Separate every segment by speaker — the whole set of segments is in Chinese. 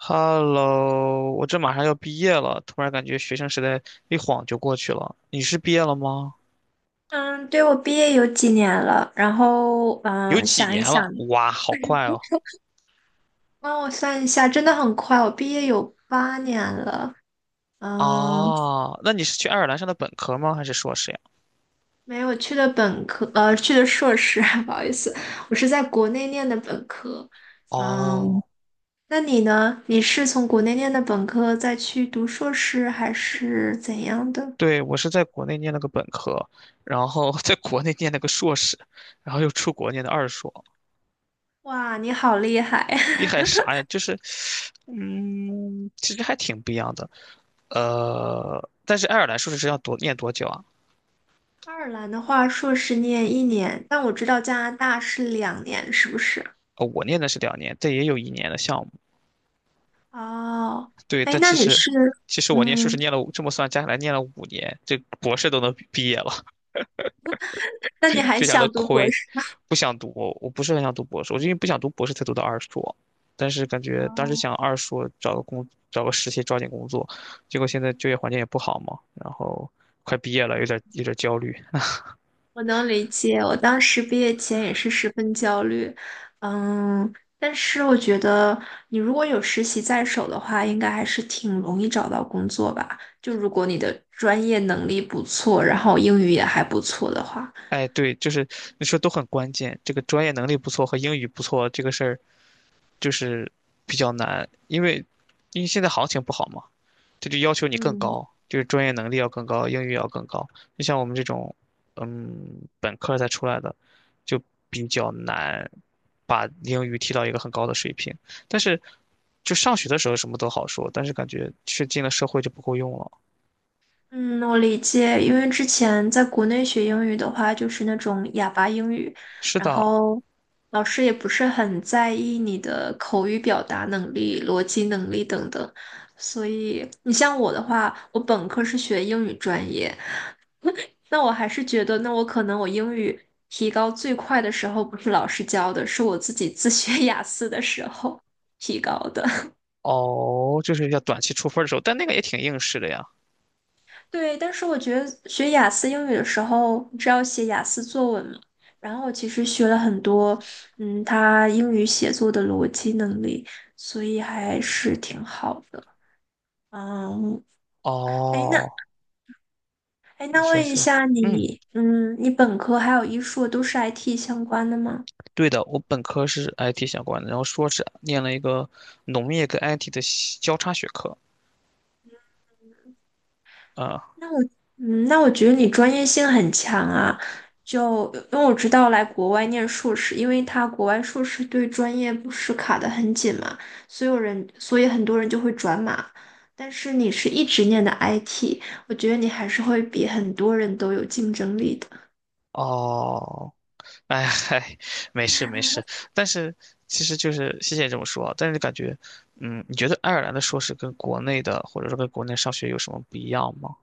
Speaker 1: Hello，我这马上要毕业了，突然感觉学生时代一晃就过去了。你是毕业了吗？
Speaker 2: 嗯，对，我毕业有几年了，然后
Speaker 1: 有几
Speaker 2: 想
Speaker 1: 年
Speaker 2: 一想
Speaker 1: 了？哇，好快哦！
Speaker 2: 帮我算一下，真的很快，我毕业有八年了。嗯，
Speaker 1: 啊，那你是去爱尔兰上的本科吗？还是硕士呀？
Speaker 2: 没有去的本科，去的硕士，不好意思，我是在国内念的本科。嗯，
Speaker 1: 哦，
Speaker 2: 那你呢？你是从国内念的本科再去读硕士，还是怎样的？
Speaker 1: 对，我是在国内念了个本科，然后 在国内念了个硕士，然后又出国念的二硕，
Speaker 2: 哇，你好厉害！
Speaker 1: 厉害 啥呀？就是，其实还挺不一样的。但是爱尔兰硕士是要多念多久啊？
Speaker 2: 爱尔兰的话，硕士念一年，但我知道加拿大是两年，是不是？
Speaker 1: 我念的是两年，这也有一年的项目。
Speaker 2: 哦，
Speaker 1: 对，
Speaker 2: 哎，
Speaker 1: 但
Speaker 2: 那
Speaker 1: 其
Speaker 2: 你
Speaker 1: 实
Speaker 2: 是，
Speaker 1: 我念硕士
Speaker 2: 嗯，
Speaker 1: 念了这么算加起来念了五年，这博士都能毕业了，
Speaker 2: 那你 还
Speaker 1: 非常的
Speaker 2: 想读博
Speaker 1: 亏。
Speaker 2: 士？
Speaker 1: 不想读，我不是很想读博士，我就因为不想读博士才读的二硕，但是感觉当时
Speaker 2: 哦，
Speaker 1: 想二硕找个实习抓紧工作，结果现在就业环境也不好嘛，然后快毕业了，有点焦虑。
Speaker 2: 我能理解。我当时毕业前也是十分焦虑，嗯，但是我觉得你如果有实习在手的话，应该还是挺容易找到工作吧。就如果你的专业能力不错，然后英语也还不错的话，
Speaker 1: 哎，对，就是你说都很关键，这个专业能力不错和英语不错这个事儿，就是比较难，因为现在行情不好嘛，这就要求你更
Speaker 2: 嗯。
Speaker 1: 高，就是专业能力要更高，英语要更高。就像我们这种，本科才出来的，就比较难把英语提到一个很高的水平。但是，就上学的时候什么都好说，但是感觉是进了社会就不够用了。
Speaker 2: 嗯，我理解，因为之前在国内学英语的话，就是那种哑巴英语，
Speaker 1: 是
Speaker 2: 然
Speaker 1: 的，
Speaker 2: 后老师也不是很在意你的口语表达能力、逻辑能力等等。所以你像我的话，我本科是学英语专业，那我还是觉得，那我可能我英语提高最快的时候，不是老师教的，是我自己自学 雅思的时候提高的。
Speaker 1: 哦，就是要短期出分儿的时候，但那个也挺应试的呀。
Speaker 2: 对，但是我觉得学雅思英语的时候，你知道写雅思作文嘛？然后我其实学了很多，嗯，他英语写作的逻辑能力，所以还是挺好的。嗯，哎，那
Speaker 1: 哦，
Speaker 2: 哎，
Speaker 1: 你
Speaker 2: 那
Speaker 1: 说
Speaker 2: 问一
Speaker 1: 说，
Speaker 2: 下
Speaker 1: 嗯，
Speaker 2: 你，你本科还有一硕都是 IT 相关的吗？
Speaker 1: 对的，我本科是 IT 相关的，然后硕士念了一个农业跟 IT 的交叉学科。啊、
Speaker 2: 那我那我觉得你专业性很强啊。就因为我知道来国外念硕士，因为他国外硕士对专业不是卡得很紧嘛，所有人，所以很多人就会转码。但是你是一直念的 IT,我觉得你还是会比很多人都有竞争力的。
Speaker 1: 哦，哎嗨，没事没事，但是其实就是谢谢你这么说啊，但是感觉，你觉得爱尔兰的硕士跟国内的或者说跟国内上学有什么不一样吗？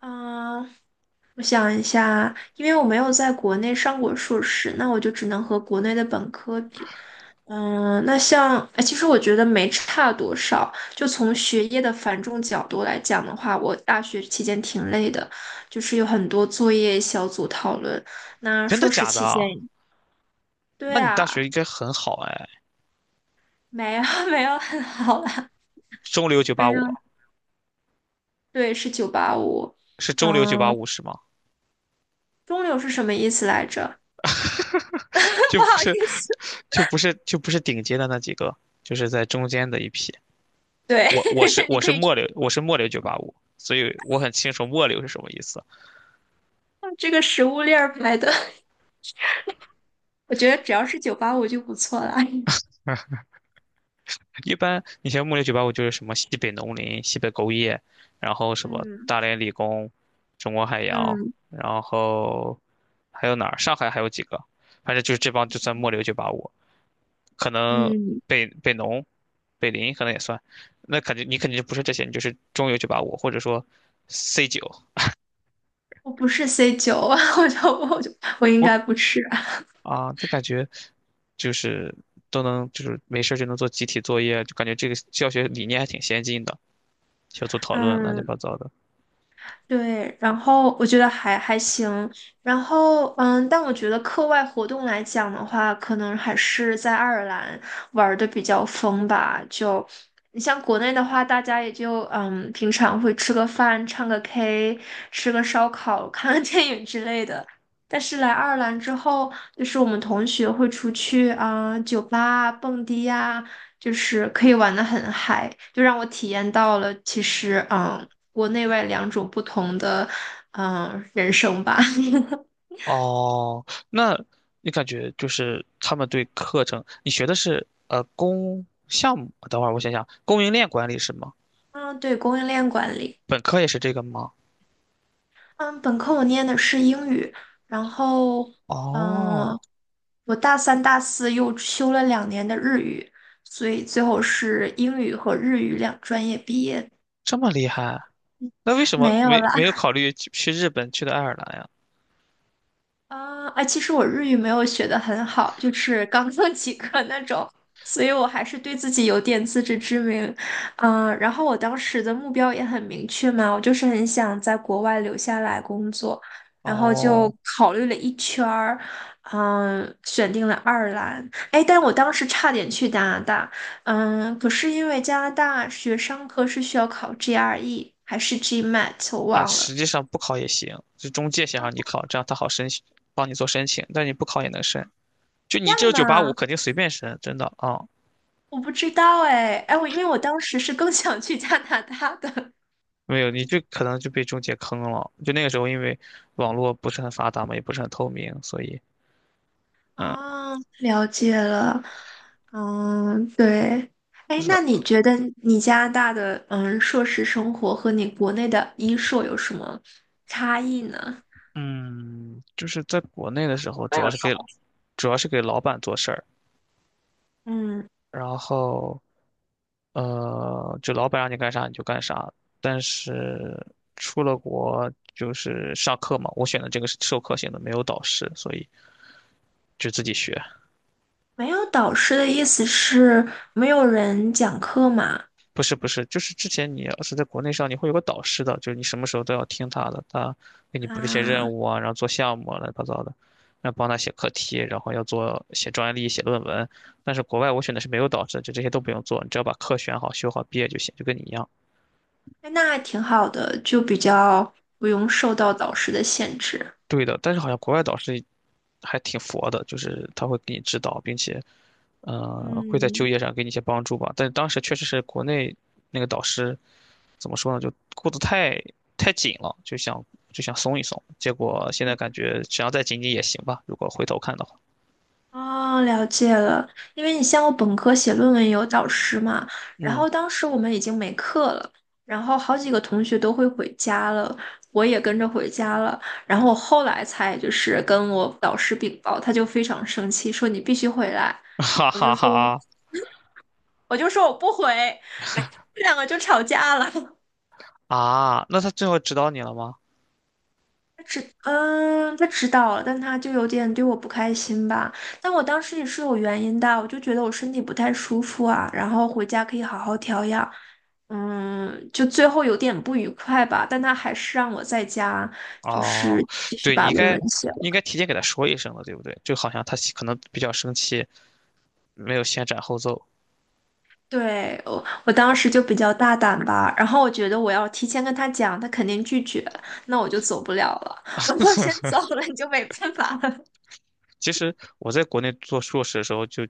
Speaker 2: 嗯，我想一下，因为我没有在国内上过硕士，那我就只能和国内的本科比。嗯，那像，哎，其实我觉得没差多少。就从学业的繁重角度来讲的话，我大学期间挺累的，就是有很多作业、小组讨论。那
Speaker 1: 真的
Speaker 2: 硕士
Speaker 1: 假的
Speaker 2: 期间，
Speaker 1: 啊？那
Speaker 2: 对
Speaker 1: 你大学
Speaker 2: 啊，
Speaker 1: 应该很好哎，
Speaker 2: 没有 没有很好啦，
Speaker 1: 中流九八
Speaker 2: 没有，
Speaker 1: 五
Speaker 2: 对，是九八五。
Speaker 1: 是中流九八
Speaker 2: 嗯，
Speaker 1: 五是吗？
Speaker 2: 中流是什么意思来着？
Speaker 1: 就
Speaker 2: 不
Speaker 1: 不
Speaker 2: 好意
Speaker 1: 是，
Speaker 2: 思，
Speaker 1: 就不是顶尖的那几个，就是在中间的一批。
Speaker 2: 对，
Speaker 1: 我我是
Speaker 2: 你
Speaker 1: 我
Speaker 2: 可
Speaker 1: 是
Speaker 2: 以
Speaker 1: 末流，我是末流九八五，所以我很清楚末流是什么意思啊。
Speaker 2: 这个食物链儿买的，我觉得只要是九八五就不错了。
Speaker 1: 一般你像木林酒吧，我就是什么西北农林、西北工业，然后什么
Speaker 2: 嗯
Speaker 1: 大连理工、中国海洋，
Speaker 2: 嗯
Speaker 1: 然后还有哪儿？上海还有几个？反正就是这帮就算末流九八五，可能
Speaker 2: 嗯，
Speaker 1: 北农、北林可能也算。那肯定你肯定就不是这些，你就是中游九八五或者说 C 九。
Speaker 2: 我不是 C 九，我就我应
Speaker 1: 我
Speaker 2: 该不是。
Speaker 1: 这感觉就是都能就是没事儿就能做集体作业，就感觉这个教学理念还挺先进的，小组讨论乱七
Speaker 2: 嗯。
Speaker 1: 八糟的。
Speaker 2: 对，然后我觉得还行，然后但我觉得课外活动来讲的话，可能还是在爱尔兰玩的比较疯吧。就你像国内的话，大家也就嗯，平常会吃个饭、唱个 K、吃个烧烤、看个电影之类的。但是来爱尔兰之后，就是我们同学会出去啊、酒吧啊、蹦迪呀、就是可以玩的很嗨，就让我体验到了其实嗯，国内外两种不同的嗯人生吧。
Speaker 1: 哦，那你感觉就是他们对课程，你学的是供项目？等会儿我想想，供应链管理是吗？
Speaker 2: 嗯，对，供应链管理。
Speaker 1: 本科也是这个吗？
Speaker 2: 嗯，本科我念的是英语，然后
Speaker 1: 哦，
Speaker 2: 嗯，我大三、大四又修了两年的日语，所以最后是英语和日语两专业毕业。
Speaker 1: 这么厉害，那为什么
Speaker 2: 没有
Speaker 1: 没
Speaker 2: 啦。
Speaker 1: 没有考虑去日本，去的爱尔兰呀？
Speaker 2: 啊，哎，其实我日语没有学的很好，就是刚刚 及格那种，所以我还是对自己有点自知之明。嗯，然后我当时的目标也很明确嘛，我就是很想在国外留下来工作，然后就
Speaker 1: 哦，
Speaker 2: 考虑了一圈儿，嗯，选定了爱尔兰。哎，但我当时差点去加拿大，嗯，可是因为加拿大学商科是需要考 GRE 还是 GMAT,我
Speaker 1: 啊，
Speaker 2: 忘了。
Speaker 1: 实际上不考也行，是中介想
Speaker 2: 啊，
Speaker 1: 让你
Speaker 2: 不可
Speaker 1: 考，这样他好申请，帮你做申请，但你不考也能申。就
Speaker 2: 这
Speaker 1: 你
Speaker 2: 样
Speaker 1: 这九八五
Speaker 2: 嘛？
Speaker 1: 肯定随便申，真的啊。
Speaker 2: 我不知道哎，哎，我因为我当时是更 想去加拿大的。
Speaker 1: 没有，你就可能就被中介坑了。就那个时候，因为网络不是很发达嘛，也不是很透明，所以，嗯，
Speaker 2: 啊，了解了。嗯，对。哎，
Speaker 1: 是的，
Speaker 2: 那你觉得你加拿大的嗯硕士生活和你国内的医硕有什么差异呢？
Speaker 1: 嗯，就是在国内的时候，主要是给老板做事儿，
Speaker 2: 嗯，
Speaker 1: 然后，就老板让你干啥你就干啥。但是出了国就是上课嘛，我选的这个是授课型的，没有导师，所以就自己学。
Speaker 2: 没有导师的意思是没有人讲课嘛？
Speaker 1: 不是不是，就是之前你要是在国内上，你会有个导师的，就是你什么时候都要听他的，他给你布置一些任
Speaker 2: 啊，
Speaker 1: 务啊，然后做项目啊，乱七八糟的，然后帮他写课题，然后写专利、写论文。但是国外我选的是没有导师的，就这些都不用做，你只要把课选好、修好、毕业就行，就跟你一样。
Speaker 2: 哎那还挺好的，就比较不用受到导师的限制。
Speaker 1: 对的，但是好像国外导师还挺佛的，就是他会给你指导，并且，会在就
Speaker 2: 嗯，
Speaker 1: 业上给你一些帮助吧。但是当时确实是国内那个导师怎么说呢，就顾得太紧了，就想松一松。结果现在感觉只要再紧紧也行吧，如果回头看的话。
Speaker 2: 哦，了解了。因为你像我本科写论文有导师嘛，然
Speaker 1: 嗯，
Speaker 2: 后当时我们已经没课了，然后好几个同学都会回家了，我也跟着回家了。然后我后来才就是跟我导师禀报，他就非常生气，说你必须回来。
Speaker 1: 哈
Speaker 2: 我
Speaker 1: 哈
Speaker 2: 就说，
Speaker 1: 哈
Speaker 2: 我就说我不回，这两个就吵架了。
Speaker 1: 啊，那他最后指导你了吗？
Speaker 2: 他知，嗯，他知道了，但他就有点对我不开心吧。但我当时也是有原因的，我就觉得我身体不太舒服啊，然后回家可以好好调养。嗯，就最后有点不愉快吧，但他还是让我在家，就
Speaker 1: 哦，
Speaker 2: 是继续
Speaker 1: 对，你
Speaker 2: 把
Speaker 1: 应
Speaker 2: 论
Speaker 1: 该
Speaker 2: 文写
Speaker 1: 应该
Speaker 2: 了。
Speaker 1: 提前给他说一声的，对不对？就好像他可能比较生气，没有先斩后奏。
Speaker 2: 对，我，我当时就比较大胆吧，然后我觉得我要提前跟他讲，他肯定拒绝，那我就走不了了。我要先走了，你就没办法了。
Speaker 1: 其实我在国内做硕士的时候就，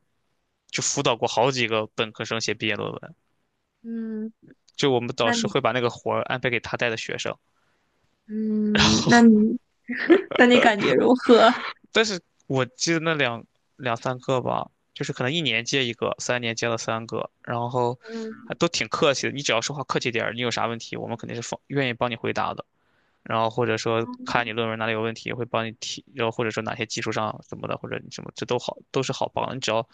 Speaker 1: 就辅导过好几个本科生写毕业论文。
Speaker 2: 嗯，
Speaker 1: 就我们导
Speaker 2: 那
Speaker 1: 师
Speaker 2: 你。
Speaker 1: 会把那个活儿安排给他带的学生，
Speaker 2: 嗯，那你 那你感觉如何？
Speaker 1: 但是我记得那两三个吧，就是可能一年接一个，三年接了三个，然后
Speaker 2: 嗯，
Speaker 1: 还都挺客气的。你只要说话客气点儿，你有啥问题，我们肯定是放愿意帮你回答的。然后或者说看你论文哪里有问题，会帮你提，然后或者说哪些技术上什么的，或者你什么，这都好，都是好帮的你只要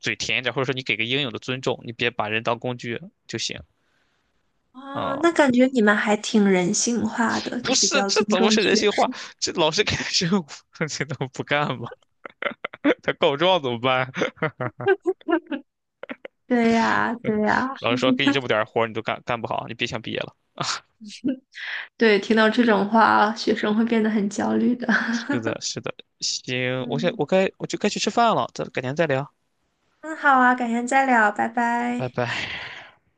Speaker 1: 嘴甜一点，或者说你给个应有的尊重，你别把人当工具就行。
Speaker 2: 哦，那
Speaker 1: 啊、
Speaker 2: 感觉你们还挺人性化的，
Speaker 1: 不
Speaker 2: 就比
Speaker 1: 是，
Speaker 2: 较
Speaker 1: 这
Speaker 2: 尊
Speaker 1: 怎么
Speaker 2: 重
Speaker 1: 是人
Speaker 2: 学。
Speaker 1: 性化？这老师开始，务，这能不干吗？他告状怎么办？
Speaker 2: 对呀，对呀，
Speaker 1: 老师说给你这么 点儿活儿你都干不好，你别想毕业了。
Speaker 2: 对，听到这种话，学生会变得很焦虑的。
Speaker 1: 是的，是的，行，
Speaker 2: 嗯，
Speaker 1: 我就该去吃饭了，咱改天再聊，
Speaker 2: 那好啊，改天再聊，拜
Speaker 1: 拜
Speaker 2: 拜。
Speaker 1: 拜。